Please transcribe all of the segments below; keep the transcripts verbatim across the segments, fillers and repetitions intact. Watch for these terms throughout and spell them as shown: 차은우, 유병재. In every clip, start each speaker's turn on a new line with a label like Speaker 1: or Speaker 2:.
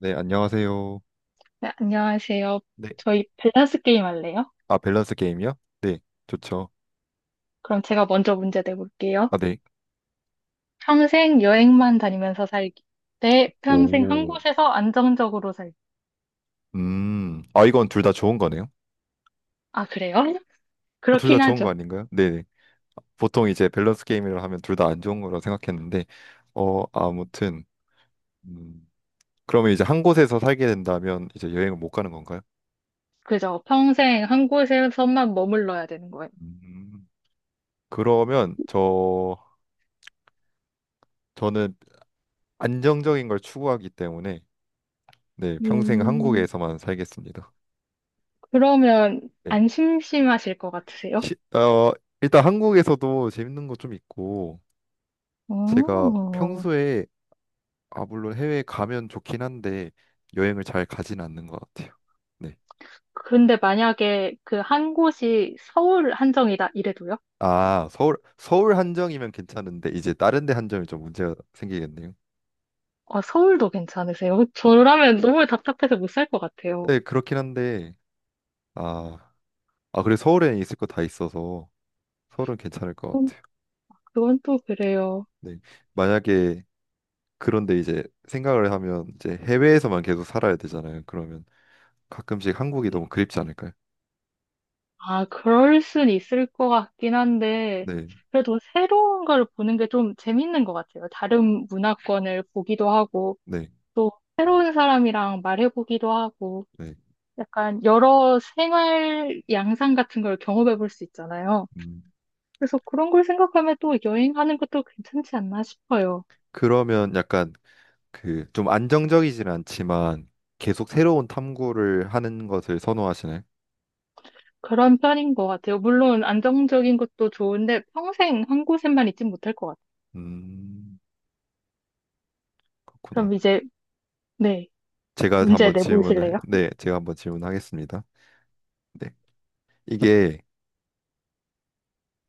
Speaker 1: 네, 안녕하세요.
Speaker 2: 네, 안녕하세요.
Speaker 1: 네.
Speaker 2: 저희 밸런스 게임 할래요?
Speaker 1: 아, 밸런스 게임이요? 네, 좋죠.
Speaker 2: 그럼 제가 먼저 문제 내볼게요.
Speaker 1: 아, 네.
Speaker 2: 평생 여행만 다니면서 살기. 대 평생 한
Speaker 1: 오,
Speaker 2: 곳에서 안정적으로 살기.
Speaker 1: 음. 아, 이건 둘 다 좋은 거네요?
Speaker 2: 아, 그래요?
Speaker 1: 어, 둘다
Speaker 2: 그렇긴
Speaker 1: 좋은 거
Speaker 2: 하죠.
Speaker 1: 아닌가요? 네. 네. 보통 이제 밸런스 게임이라 하면 둘 다 안 좋은 거라 생각했는데, 어, 아무튼, 음. 그러면 이제 한 곳에서 살게 된다면 이제 여행을 못 가는 건가요?
Speaker 2: 그죠. 평생 한 곳에서만 머물러야 되는 거예요.
Speaker 1: 음. 그러면 저, 저는 안정적인 걸 추구하기 때문에, 네, 평생
Speaker 2: 음,
Speaker 1: 한국에서만 살겠습니다.
Speaker 2: 그러면
Speaker 1: 네.
Speaker 2: 안 심심하실 것 같으세요?
Speaker 1: 시, 어, 일단 한국에서도 재밌는 거 좀 있고,
Speaker 2: 그
Speaker 1: 제가 평소에 아 물론 해외에 가면 좋긴 한데 여행을 잘 가진 않는 것 같아요. 네.
Speaker 2: 근데 만약에 그 한 곳이 서울 한정이다 이래도요?
Speaker 1: 아 서울 서울 한정이면 괜찮은데 이제 다른 데 한정이 좀 문제가 생기겠네요.
Speaker 2: 어, 서울도 괜찮으세요? 저라면 너무 답답해서 못 살 것 같아요.
Speaker 1: 네 그렇긴 한데 아, 아 그래 서울에 있을 거 다 있어서 서울은 괜찮을 것 같아요.
Speaker 2: 그건 또 그래요.
Speaker 1: 네. 만약에 그런데 이제 생각을 하면 이제 해외에서만 계속 살아야 되잖아요. 그러면 가끔씩 한국이
Speaker 2: 네.
Speaker 1: 너무 그립지 않을까요?
Speaker 2: 아, 그럴 순 있을 것 같긴 한데,
Speaker 1: 네,
Speaker 2: 그래도 새로운 걸 보는 게 좀 재밌는 것 같아요. 다른 문화권을 보기도 하고,
Speaker 1: 네,
Speaker 2: 또 새로운 사람이랑 말해보기도 하고,
Speaker 1: 네.
Speaker 2: 약간 여러 생활 양상 같은 걸 경험해 볼 수 있잖아요.
Speaker 1: 음,
Speaker 2: 그래서 그런 걸 생각하면 또 여행하는 것도 괜찮지 않나 싶어요.
Speaker 1: 그러면 약간 그 좀 안정적이진 않지만 계속 새로운 탐구를 하는 것을 선호하시네.
Speaker 2: 그런 편인 것 같아요. 물론 안정적인 것도 좋은데 평생 한 곳에만 있진 못할 것 같아요.
Speaker 1: 음, 그렇구나.
Speaker 2: 그럼 이제, 네,
Speaker 1: 제가
Speaker 2: 문제
Speaker 1: 한번 질문을 해-
Speaker 2: 내보실래요?
Speaker 1: 네, 제가 한번 질문하겠습니다. 네. 이게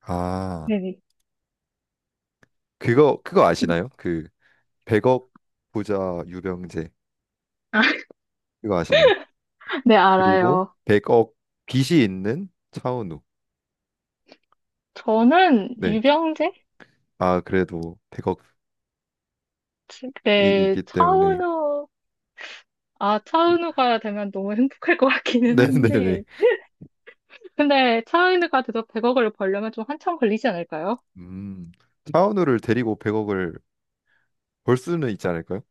Speaker 1: 아,
Speaker 2: 네네.
Speaker 1: 그거 그거 아시나요? 그 백억 부자 유병재.
Speaker 2: 아,
Speaker 1: 그거 아시나요?
Speaker 2: 네,
Speaker 1: 그리고
Speaker 2: 알아요.
Speaker 1: 백억 빚이 있는 차은우.
Speaker 2: 저는
Speaker 1: 네.
Speaker 2: 유병재?
Speaker 1: 아, 그래도 백억이
Speaker 2: 지- 네,
Speaker 1: 있기 때문에
Speaker 2: 차은우, 아, 차은우가 되면 너무 행복할 것 같기는
Speaker 1: 네, 네, 네.
Speaker 2: 한데. 근데 차은우가 돼서 백억을 벌려면 좀 한참 걸리지 않을까요?
Speaker 1: 음. 차은우를 데리고 백억을 벌 수는 있지 않을까요?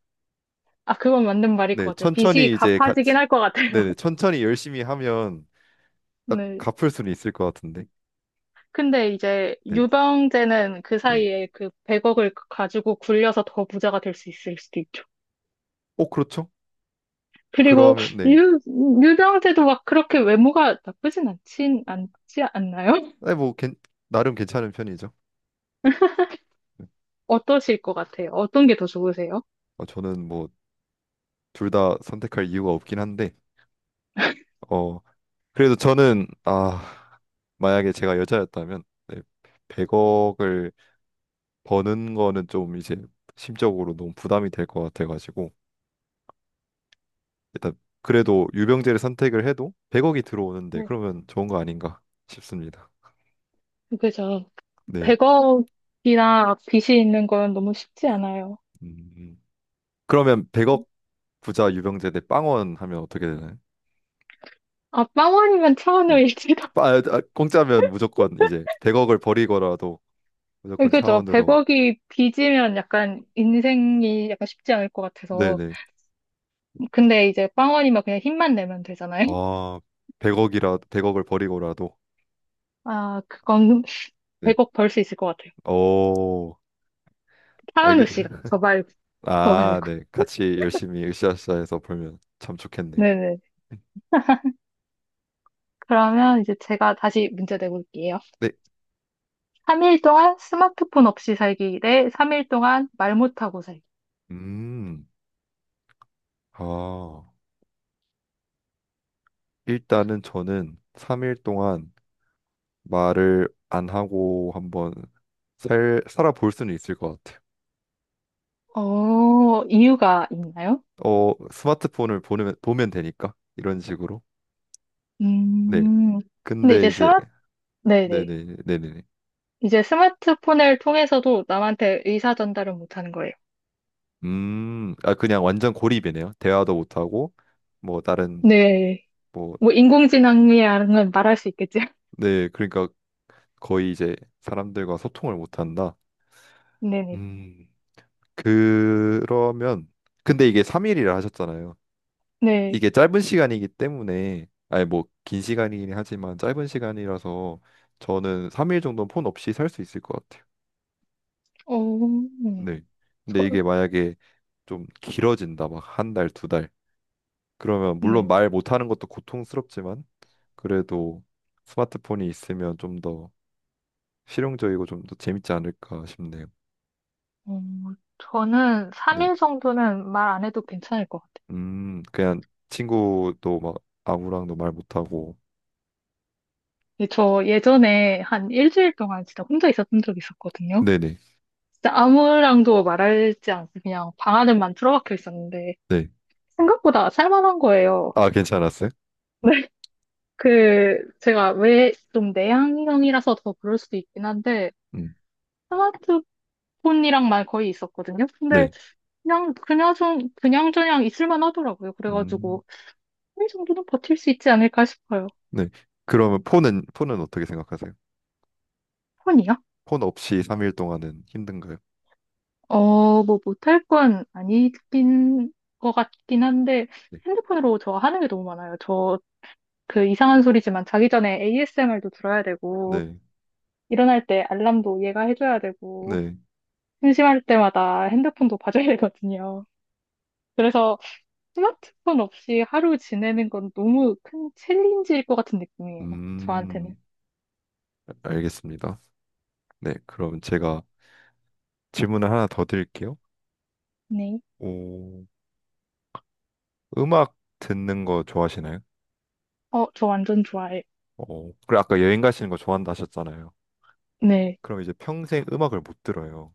Speaker 2: 아, 그건 맞는 말일
Speaker 1: 네,
Speaker 2: 것 같아요. 빚이
Speaker 1: 천천히 이제
Speaker 2: 갚아지긴
Speaker 1: 같이
Speaker 2: 할 것 같아요.
Speaker 1: 네네 천천히 열심히 하면 딱
Speaker 2: 네.
Speaker 1: 갚을 수는 있을 것 같은데
Speaker 2: 근데 이제
Speaker 1: 네,
Speaker 2: 유병재는 그
Speaker 1: 네.
Speaker 2: 사이에 그 백억을 가지고 굴려서 더 부자가 될 수 있을 수도 있죠.
Speaker 1: 어 그렇죠?
Speaker 2: 그리고
Speaker 1: 그러면 네,
Speaker 2: 유, 유병재도 막 그렇게 외모가 나쁘진 않진, 않지 않나요?
Speaker 1: 네 뭐 괜, 나름 괜찮은 편이죠.
Speaker 2: 어떠실 것 같아요? 어떤 게 더 좋으세요?
Speaker 1: 어, 저는 뭐 둘 다 선택할 이유가 없긴 한데 어 그래도 저는 아 만약에 제가 여자였다면 네, 백억을 버는 거는 좀 이제 심적으로 너무 부담이 될 것 같아가지고 일단 그래도 유병재를 선택을 해도 백억이 들어오는데
Speaker 2: 네,
Speaker 1: 그러면 좋은 거 아닌가 싶습니다.
Speaker 2: 그죠.
Speaker 1: 네.
Speaker 2: 백억이나 빚이 있는 건 너무 쉽지 않아요.
Speaker 1: 음. 그러면 백억 부자 유병재 대 빵원 하면 어떻게 되나요?
Speaker 2: 아, 빵원이면
Speaker 1: 네.
Speaker 2: 차은우일지도.
Speaker 1: 빠- 아, 아, 공짜면 무조건 이제 백억을 버리고라도 무조건
Speaker 2: 그죠.
Speaker 1: 차원으로
Speaker 2: 백억이 빚이면 약간 인생이 약간 쉽지 않을 것 같아서.
Speaker 1: 네네
Speaker 2: 근데 이제 빵원이면 그냥 힘만 내면 되잖아요.
Speaker 1: 아 백억이라 백억을 버리고라도
Speaker 2: 아, 그건
Speaker 1: 네.
Speaker 2: 백억 벌 수 있을 것 같아요.
Speaker 1: 오
Speaker 2: 차은우
Speaker 1: 알게
Speaker 2: 씨가. 저 말고, 저 말고.
Speaker 1: 아네 같이 열심히 으쌰으쌰해서 벌면 참 좋겠네요
Speaker 2: 네네. 그러면 이제 제가 다시 문제 내볼게요.
Speaker 1: 네
Speaker 2: 삼 일 동안 스마트폰 없이 살기 대 삼 일 동안 말 못하고 살기.
Speaker 1: 음 아 일단은 저는 삼 일 동안 말을 안 하고 한번 살 살아볼 수는 있을 것 같아요
Speaker 2: 어, 이유가 있나요?
Speaker 1: 어, 스마트폰을 보면, 보면 되니까 이런 식으로. 네.
Speaker 2: 음, 근데
Speaker 1: 근데
Speaker 2: 이제
Speaker 1: 이제
Speaker 2: 스마, 네네.
Speaker 1: 네네 네네네.
Speaker 2: 이제 스마트폰을 통해서도 남한테 의사 전달은 못하는 거예요.
Speaker 1: 음, 아 그냥 완전 고립이네요. 대화도 못 하고 뭐 다른
Speaker 2: 네.
Speaker 1: 뭐
Speaker 2: 뭐, 인공지능이라는 말할 수 있겠죠?
Speaker 1: 네, 그러니까 거의 이제 사람들과 소통을 못 한다.
Speaker 2: 네네.
Speaker 1: 음. 그러면 근데 이게 삼 일이라 하셨잖아요.
Speaker 2: 네.
Speaker 1: 이게 짧은 시간이기 때문에 아니 뭐 긴 시간이긴 하지만 짧은 시간이라서 저는 삼 일 정도는 폰 없이 살 수 있을 것 같아요.
Speaker 2: 어, 음,
Speaker 1: 네. 근데
Speaker 2: 저,
Speaker 1: 이게 만약에 좀 길어진다, 막 한 달, 두 달. 그러면 물론
Speaker 2: 네.
Speaker 1: 말 못하는 것도 고통스럽지만 그래도 스마트폰이 있으면 좀 더 실용적이고 좀 더 재밌지 않을까 싶네요.
Speaker 2: 어, 저는
Speaker 1: 네.
Speaker 2: 삼 일 정도는 말 안 해도 괜찮을 것 같아요.
Speaker 1: 음, 그냥 친구도 막 아무랑도 말 못하고.
Speaker 2: 근데 저 예전에 한 일주일 동안 진짜 혼자 있었던 적이 있었거든요.
Speaker 1: 네네.
Speaker 2: 진짜 아무랑도 말하지 않고 그냥 방 안에만 틀어박혀 있었는데,
Speaker 1: 네.
Speaker 2: 생각보다 살만한 거예요.
Speaker 1: 아, 괜찮았어요?
Speaker 2: 그, 제가 왜 좀 내향형이라서 더 그럴 수도 있긴 한데,
Speaker 1: 음,
Speaker 2: 스마트폰이랑만 거의 있었거든요. 근데
Speaker 1: 네.
Speaker 2: 그냥, 그냥 좀, 그냥저냥 있을만 하더라고요.
Speaker 1: 음,
Speaker 2: 그래가지고, 이 정도는 버틸 수 있지 않을까 싶어요.
Speaker 1: 네. 그러면 폰은, 폰은 어떻게 생각하세요?
Speaker 2: 폰이요?
Speaker 1: 폰 없이 삼 일 동안은 힘든가요?
Speaker 2: 어, 뭐 못할 건 아니긴 것 같긴 한데,
Speaker 1: 네.
Speaker 2: 핸드폰으로 저 하는 게 너무 많아요. 저 그 이상한 소리지만 자기 전에 에이에스엠알도 들어야 되고,
Speaker 1: 네.
Speaker 2: 일어날 때 알람도 얘가 해줘야 되고,
Speaker 1: 네.
Speaker 2: 심심할 때마다 핸드폰도 봐줘야 되거든요. 그래서 스마트폰 없이 하루 지내는 건 너무 큰 챌린지일 것 같은 느낌이에요. 저한테는.
Speaker 1: 음. 알겠습니다. 네, 그럼 제가 질문을 하나 더 드릴게요.
Speaker 2: 네.
Speaker 1: 오, 음악 듣는 거 좋아하시나요?
Speaker 2: 어, 저 완전 좋아해요.
Speaker 1: 어, 그리고 아까 여행 가시는 거 좋아한다 하셨잖아요.
Speaker 2: 네.
Speaker 1: 그럼 이제 평생 음악을 못 들어요.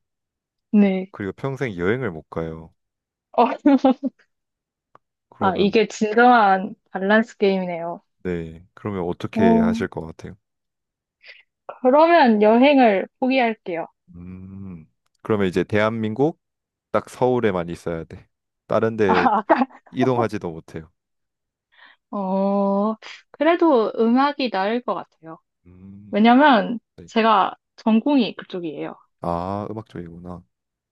Speaker 2: 네.
Speaker 1: 그리고 평생 여행을 못 가요.
Speaker 2: 어, 아,
Speaker 1: 그러면
Speaker 2: 이게 진정한 밸런스 게임이네요.
Speaker 1: 네, 그러면 어떻게
Speaker 2: 어,
Speaker 1: 하실 것 같아요?
Speaker 2: 그러면 여행을 포기할게요.
Speaker 1: 음, 그러면 이제 대한민국 딱 서울에만 있어야 돼. 다른
Speaker 2: 아,
Speaker 1: 데
Speaker 2: 아까,
Speaker 1: 이동하지도 못해요.
Speaker 2: 어, 그래도 음악이 나을 것 같아요.
Speaker 1: 음,
Speaker 2: 왜냐면
Speaker 1: 네.
Speaker 2: 제가 전공이 그쪽이에요.
Speaker 1: 아, 음악 쪽이구나.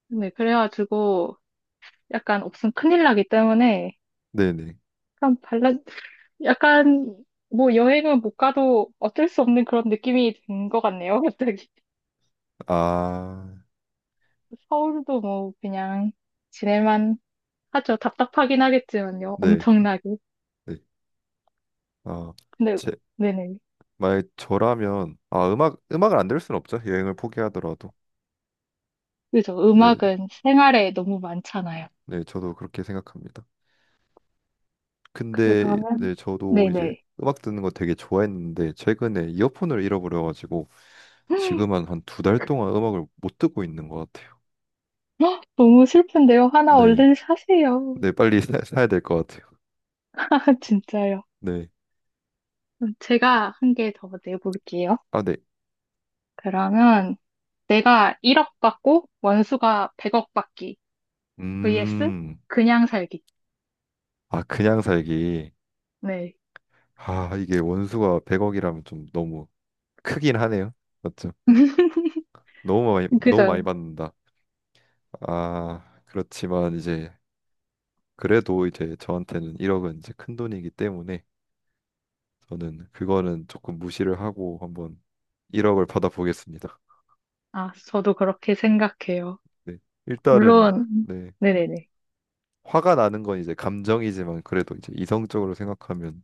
Speaker 2: 네, 그래가지고 약간 없으면 큰일 나기 때문에
Speaker 1: 네네.
Speaker 2: 약간 발라 약간 뭐 여행은 못 가도 어쩔 수 없는 그런 느낌이 든 것 같네요. 갑자기
Speaker 1: 아,
Speaker 2: 서울도 뭐 그냥 지낼만 하죠. 답답하긴 하겠지만요.
Speaker 1: 네.
Speaker 2: 엄청나게.
Speaker 1: 네. 아,
Speaker 2: 근데
Speaker 1: 제,
Speaker 2: 네네.
Speaker 1: 만약 저라면 아 음악 음악을 안 들을 수는 없죠 여행을 포기하더라도
Speaker 2: 그죠.
Speaker 1: 네,
Speaker 2: 음악은 생활에 너무 많잖아요.
Speaker 1: 네 저도 그렇게 생각합니다. 근데
Speaker 2: 그러면
Speaker 1: 네 저도 이제
Speaker 2: 네네.
Speaker 1: 음악 듣는 거 되게 좋아했는데 최근에 이어폰을 잃어버려가지고 지금은 한 두 달 동안 음악을 못 듣고 있는 것 같아요.
Speaker 2: 헉, 너무 슬픈데요. 하나
Speaker 1: 네,
Speaker 2: 얼른 사세요.
Speaker 1: 네 빨리 사, 사야 될 것 같아요.
Speaker 2: 진짜요.
Speaker 1: 네,
Speaker 2: 그럼 제가 한 개 더 내볼게요.
Speaker 1: 아 네,
Speaker 2: 그러면 내가 일억 받고 원수가 백억 받기 vs
Speaker 1: 음,
Speaker 2: 그냥 살기.
Speaker 1: 아 그냥 살기
Speaker 2: 네,
Speaker 1: 아 이게 원수가 백억이라면 좀 너무 크긴 하네요. 맞죠? 너무 많이 너무
Speaker 2: 그죠.
Speaker 1: 많이 받는다. 아, 그렇지만 이제 그래도 이제 저한테는 일억은 이제 큰 돈이기 때문에 저는 그거는 조금 무시를 하고 한번 일억을 받아보겠습니다.
Speaker 2: 아, 저도 그렇게 생각해요.
Speaker 1: 네. 일단은
Speaker 2: 물론,
Speaker 1: 네.
Speaker 2: 네네네.
Speaker 1: 화가 나는 건 이제 감정이지만 그래도 이제 이성적으로 생각하면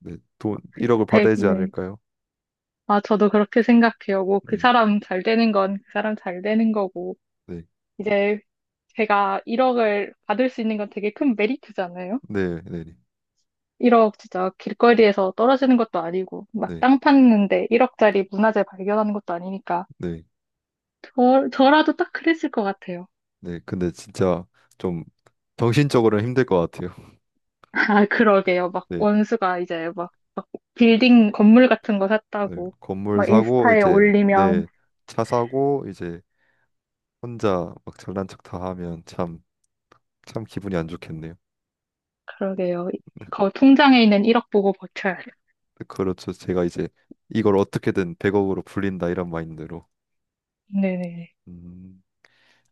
Speaker 1: 네. 돈
Speaker 2: 그
Speaker 1: 일억을
Speaker 2: 백
Speaker 1: 받아야지
Speaker 2: 네.
Speaker 1: 않을까요?
Speaker 2: 아, 저도 그렇게 생각해요. 뭐, 그
Speaker 1: 음,
Speaker 2: 사람 잘 되는 건 그 사람 잘 되는 거고.
Speaker 1: 네.
Speaker 2: 이제 제가 일억을 받을 수 있는 건 되게 큰 메리트잖아요.
Speaker 1: 네, 네, 네.
Speaker 2: 일억 진짜 길거리에서 떨어지는 것도 아니고, 막
Speaker 1: 네.
Speaker 2: 땅 팠는데 일억짜리 문화재 발견하는 것도 아니니까.
Speaker 1: 네.
Speaker 2: 저, 저라도 딱 그랬을 것 같아요.
Speaker 1: 네. 근데 진짜 좀 정신적으로는 힘들 것 같아요.
Speaker 2: 아, 그러게요. 막
Speaker 1: 네.
Speaker 2: 원수가 이제 막, 막 빌딩 건물 같은 거
Speaker 1: 네.
Speaker 2: 샀다고
Speaker 1: 건물
Speaker 2: 막
Speaker 1: 사고
Speaker 2: 인스타에
Speaker 1: 이제
Speaker 2: 올리면
Speaker 1: 네. 차 사고 이제 혼자 막 잘난 척 다 하면 참, 참 기분이 안 좋겠네요.
Speaker 2: 그러게요. 거 통장에 있는 일억 보고 버텨야 돼.
Speaker 1: 그렇죠. 제가 이제 이걸 어떻게든 백억으로 불린다 이런 마인드로.
Speaker 2: 네네.
Speaker 1: 음,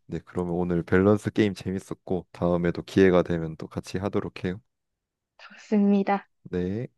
Speaker 1: 네, 그러면 오늘 밸런스 게임 재밌었고 다음에도 기회가 되면 또 같이 하도록 해요.
Speaker 2: 좋습니다.
Speaker 1: 네.